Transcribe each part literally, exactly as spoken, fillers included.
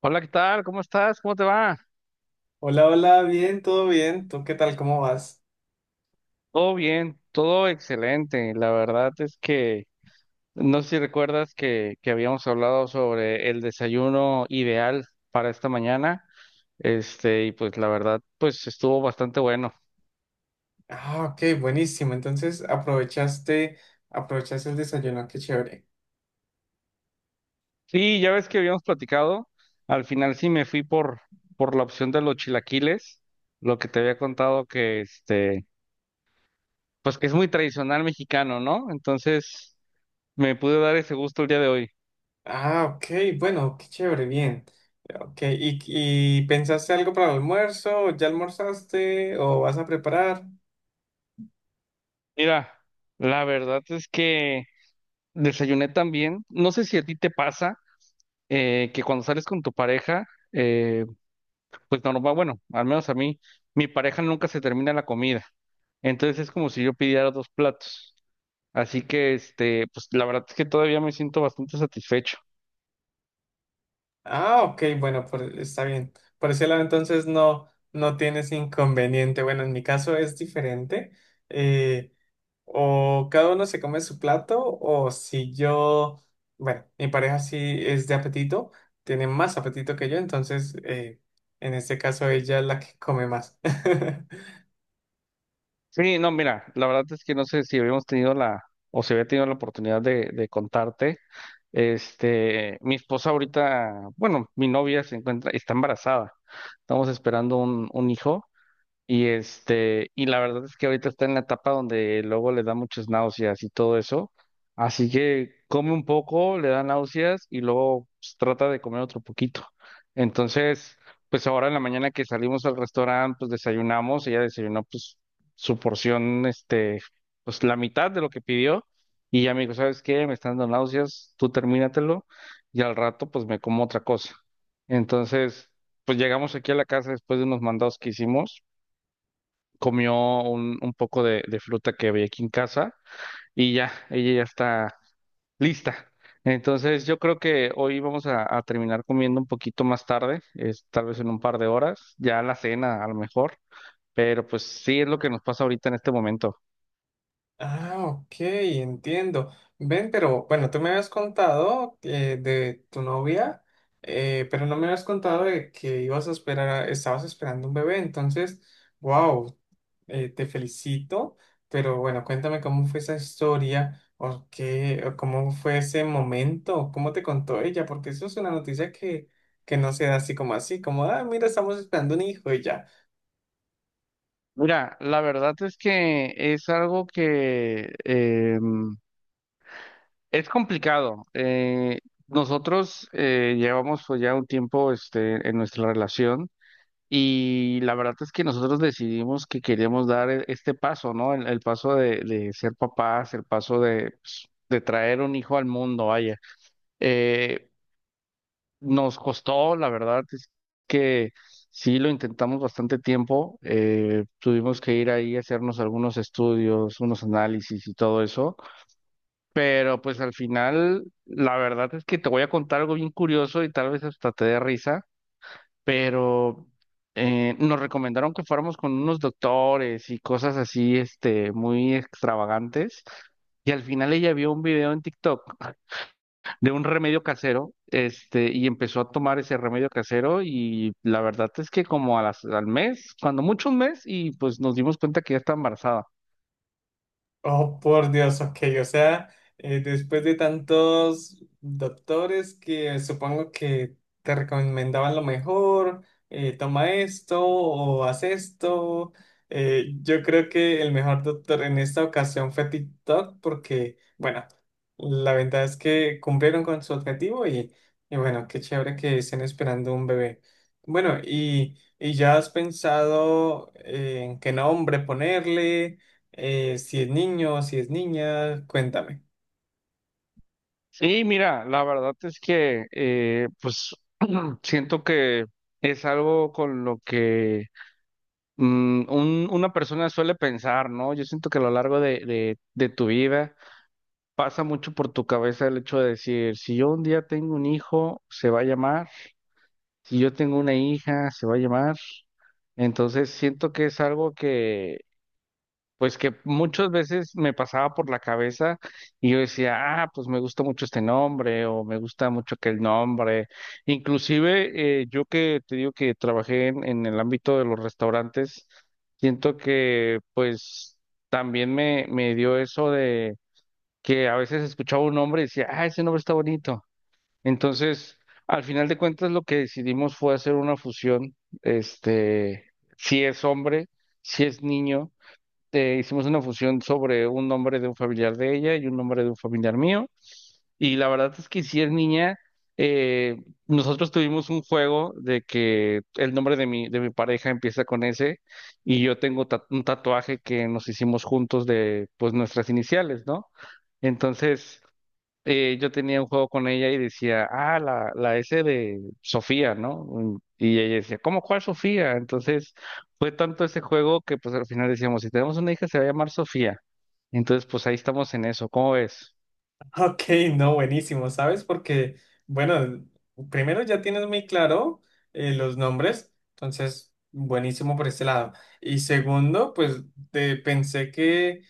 Hola, ¿qué tal? ¿Cómo estás? ¿Cómo te va? Hola, hola, bien, todo bien. ¿Tú qué tal? ¿Cómo vas? Todo bien, todo excelente. La verdad es que no sé si recuerdas que, que habíamos hablado sobre el desayuno ideal para esta mañana. Este, y pues la verdad, pues estuvo bastante bueno. Ah, ok, buenísimo. Entonces, aprovechaste, aprovechaste el desayuno, qué chévere. Sí, ya ves que habíamos platicado. Al final sí me fui por, por la opción de los chilaquiles, lo que te había contado que este, pues que es muy tradicional mexicano, ¿no? Entonces me pude dar ese gusto el día de hoy. Ah, ok, bueno, qué chévere, bien. Ok, ¿y, y pensaste algo para el almuerzo? ¿Ya almorzaste o vas a preparar? Mira, la verdad es que desayuné también. No sé si a ti te pasa eh, que cuando sales con tu pareja, eh, pues normal, bueno, al menos a mí, mi pareja nunca se termina la comida. Entonces es como si yo pidiera dos platos. Así que, este, pues la verdad es que todavía me siento bastante satisfecho. Ah, ok, bueno, por- está bien. Por ese lado, entonces no, no tienes inconveniente. Bueno, en mi caso es diferente. Eh, O cada uno se come su plato, o si yo, bueno, mi pareja sí es de apetito, tiene más apetito que yo, entonces eh, en este caso ella es la que come más. Sí, no, mira, la verdad es que no sé si habíamos tenido la, o si había tenido la oportunidad de, de contarte. Este, mi esposa ahorita, bueno, mi novia se encuentra, está embarazada. Estamos esperando un, un hijo. Y este, y la verdad es que ahorita está en la etapa donde luego le da muchas náuseas y todo eso. Así que come un poco, le da náuseas y luego pues, trata de comer otro poquito. Entonces, pues ahora en la mañana que salimos al restaurante, pues desayunamos, ella desayunó pues su porción, este, pues la mitad de lo que pidió. Y ya me dijo, ¿sabes qué? Me están dando náuseas, tú termínatelo y al rato pues me como otra cosa. Entonces, pues llegamos aquí a la casa después de unos mandados que hicimos comió un, un poco de, de fruta que había aquí en casa y ya, ella ya está lista. Entonces yo creo que hoy vamos a, a terminar comiendo un poquito más tarde, es, tal vez en un par de horas, ya la cena a lo mejor, pero pues sí es lo que nos pasa ahorita en este momento. Ah, ok, entiendo. Ven, pero bueno, tú me habías contado eh, de tu novia, eh, pero no me habías contado de que ibas a esperar, a- estabas esperando un bebé, entonces, wow, eh, te felicito, pero bueno, cuéntame cómo fue esa historia, o qué, o cómo fue ese momento, cómo te contó ella, porque eso es una noticia que, que no se da así como así, como, ah, mira, estamos esperando un hijo y ya. Mira, la verdad es que es algo que em, es complicado. Eh, nosotros eh, llevamos pues, ya un tiempo este, en nuestra relación. Y la verdad es que nosotros decidimos que queríamos dar e- este paso, ¿no? El, el paso de, de ser papás, el paso de, pues, de traer un hijo al mundo, vaya. Eh, Nos costó, la verdad es que sí lo intentamos bastante tiempo. Eh, tuvimos que ir ahí a hacernos algunos estudios, unos análisis y todo eso. Pero pues al final, la verdad es que te voy a contar algo bien curioso y tal vez hasta te dé risa pero eh, nos recomendaron que fuéramos con unos doctores y cosas así, este, muy extravagantes. Y al final ella vio un video en TikTok de un remedio casero, este, y empezó a tomar ese remedio casero y la verdad es que como a las- al mes, cuando mucho un mes, y pues nos dimos cuenta que ya está embarazada. Oh, por Dios, ok, o sea, eh, después de tantos doctores que supongo que te recomendaban lo mejor, eh, toma esto o haz esto, eh, yo creo que el mejor doctor en esta ocasión fue TikTok porque, bueno, la verdad es que cumplieron con su objetivo y, y bueno, qué chévere que estén esperando un bebé. Bueno, y, y ya has pensado eh, en qué nombre ponerle. Eh, si es niño, si es niña, cuéntame. Sí, mira, la verdad es que eh, pues siento que es algo con lo que mm, un- una persona suele pensar, ¿no? Yo siento que a lo largo de, de, de tu vida pasa mucho por tu cabeza el hecho de decir, si yo un día tengo un hijo, se va a llamar, si yo tengo una hija, se va a llamar. Entonces siento que es algo que pues que muchas veces me pasaba por la cabeza y yo decía, ah, pues me gusta mucho este nombre o me gusta mucho aquel nombre. Inclusive eh, yo que te digo que trabajé en, en el ámbito de los restaurantes, siento que pues también me, me dio eso de que a veces escuchaba un nombre y decía, ah, ese nombre está bonito. Entonces, al final de cuentas lo que decidimos fue hacer una fusión, este, si es hombre, si es niño te- hicimos una fusión sobre un nombre de un familiar de ella y un nombre de un familiar mío. Y la verdad es que si es niña, eh, nosotros tuvimos un juego de que el nombre de mi, de mi pareja empieza con S y yo tengo ta- un tatuaje que nos hicimos juntos de pues nuestras iniciales, ¿no? Entonces, eh, yo tenía un juego con ella y decía, ah, la, la S de Sofía, ¿no? Mm, y ella decía, ¿cómo cuál Sofía? Entonces fue tanto ese juego que pues al final decíamos, si tenemos una hija se va a llamar Sofía. Entonces pues ahí estamos en eso, ¿cómo ves? Ok, no, buenísimo, ¿sabes? Porque, bueno, primero ya tienes muy claro eh, los nombres, entonces, buenísimo por este lado. Y segundo, pues te pensé que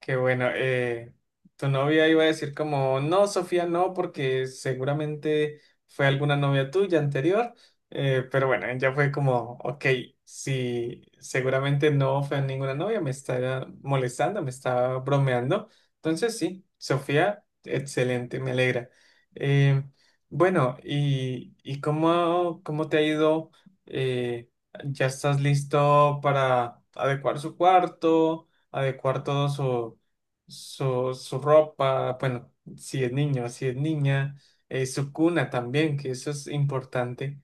qué bueno. Eh, tu novia iba a decir como, no, Sofía, no, porque seguramente fue alguna novia tuya anterior. Eh, pero bueno, ella fue como, ok, si seguramente no fue ninguna novia, me está molestando, me está bromeando. Entonces sí, Sofía, excelente, me alegra. Eh, bueno, ¿y, y cómo, cómo te ha ido? Eh, ¿Ya estás listo para adecuar su cuarto? Adecuar todo su, su, su ropa, bueno, si es niño, si es niña, eh, su cuna también, que eso es importante.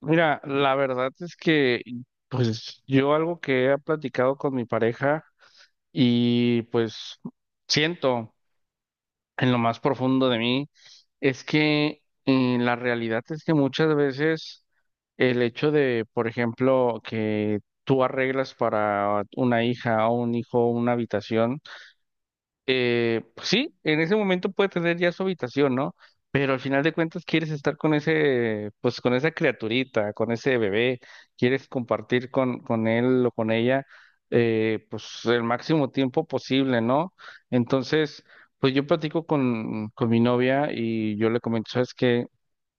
Mira, la verdad es que pues yo algo que he platicado con mi pareja y pues siento, en lo más profundo de mí es que eh, la realidad es que muchas veces el hecho de, por ejemplo, que tú arreglas para una hija o un hijo una habitación, eh, pues sí, en ese momento puede tener ya su habitación, ¿no? Pero al final de cuentas quieres estar con ese, pues con esa criaturita, con ese bebé, quieres compartir con, con él o con ella, eh, pues el máximo tiempo posible, ¿no? Entonces, pues yo platico con, con mi novia y yo le comento, ¿sabes qué?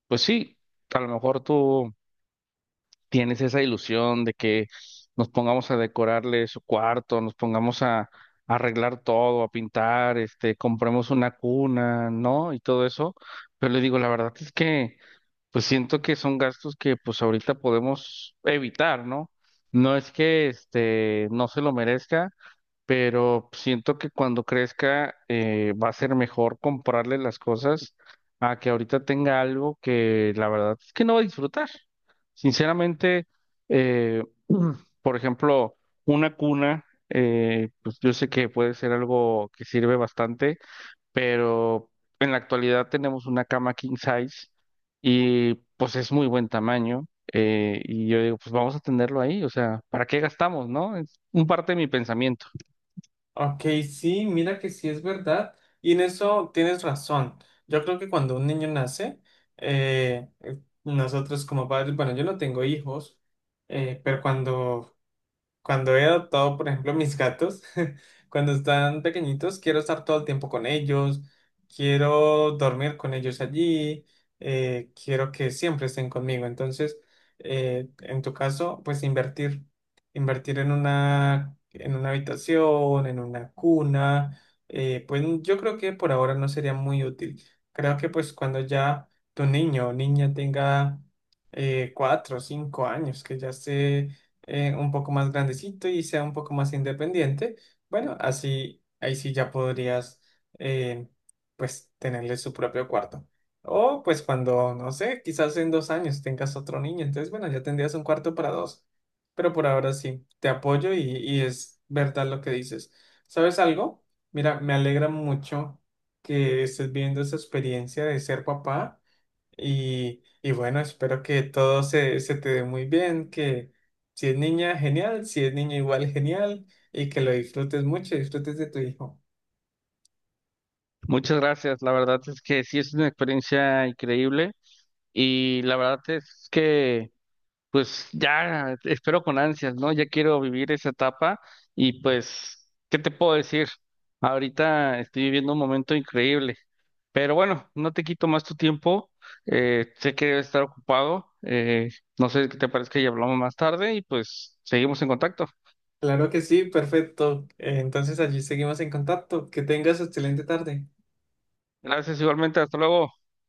Pues sí, a lo mejor tú tienes esa ilusión de que nos pongamos a decorarle su cuarto, nos pongamos a, a arreglar todo, a pintar, este, compremos una cuna, ¿no? Y todo eso. Pero le digo, la verdad es que, pues siento que son gastos que pues ahorita podemos evitar, ¿no? No es que este no se lo merezca, pero siento que cuando crezca eh, va a ser mejor comprarle las cosas a que ahorita tenga algo que la verdad es que no va a disfrutar. Sinceramente, eh, por ejemplo, una cuna, eh, pues yo sé que puede ser algo que sirve bastante, pero en la actualidad tenemos una cama king size y pues es muy buen tamaño. Eh, y yo digo, pues vamos a tenerlo ahí, o sea, ¿para qué gastamos, no? Es un parte de mi pensamiento. Ok, sí, mira que sí es verdad. Y en eso tienes razón. Yo creo que cuando un niño nace, eh, eh, nosotros como padres, bueno, yo no tengo hijos, eh, pero cuando Cuando he adoptado, por ejemplo, mis gatos, cuando están pequeñitos, quiero estar todo el tiempo con ellos, quiero dormir con ellos allí, eh, quiero que siempre estén conmigo. Entonces, eh, en tu caso, pues invertir, invertir en una, en una habitación, en una cuna, eh, pues yo creo que por ahora no sería muy útil. Creo que pues cuando ya tu niño o niña tenga eh, cuatro o cinco años, que ya se eh, un poco más grandecito y sea un poco más independiente, bueno, así, ahí sí ya podrías, eh, pues, tenerle su propio cuarto. O pues cuando, no sé, quizás en dos años tengas otro niño, entonces, bueno, ya tendrías un cuarto para dos. Pero por ahora sí, te apoyo y, y es verdad lo que dices. ¿Sabes algo? Mira, me alegra mucho que estés viendo esa experiencia de ser papá. Y, y bueno, espero que todo se, se te dé muy bien, que si es niña, genial, si es niño, igual genial, y que lo disfrutes mucho, disfrutes de tu hijo. Muchas gracias. La verdad es que sí es una experiencia increíble y la verdad es que pues ya espero con ansias, ¿no? Ya quiero vivir esa etapa y pues, ¿qué te puedo decir? Ahorita estoy viviendo un momento increíble, pero bueno, no te quito más tu tiempo. Eh, sé que debes estar ocupado. Eh, no sé qué te parece que ya hablamos más tarde y pues seguimos en contacto. Claro que sí, perfecto. Eh, Entonces allí seguimos en contacto. Que tengas excelente tarde. Gracias igualmente. Hasta luego.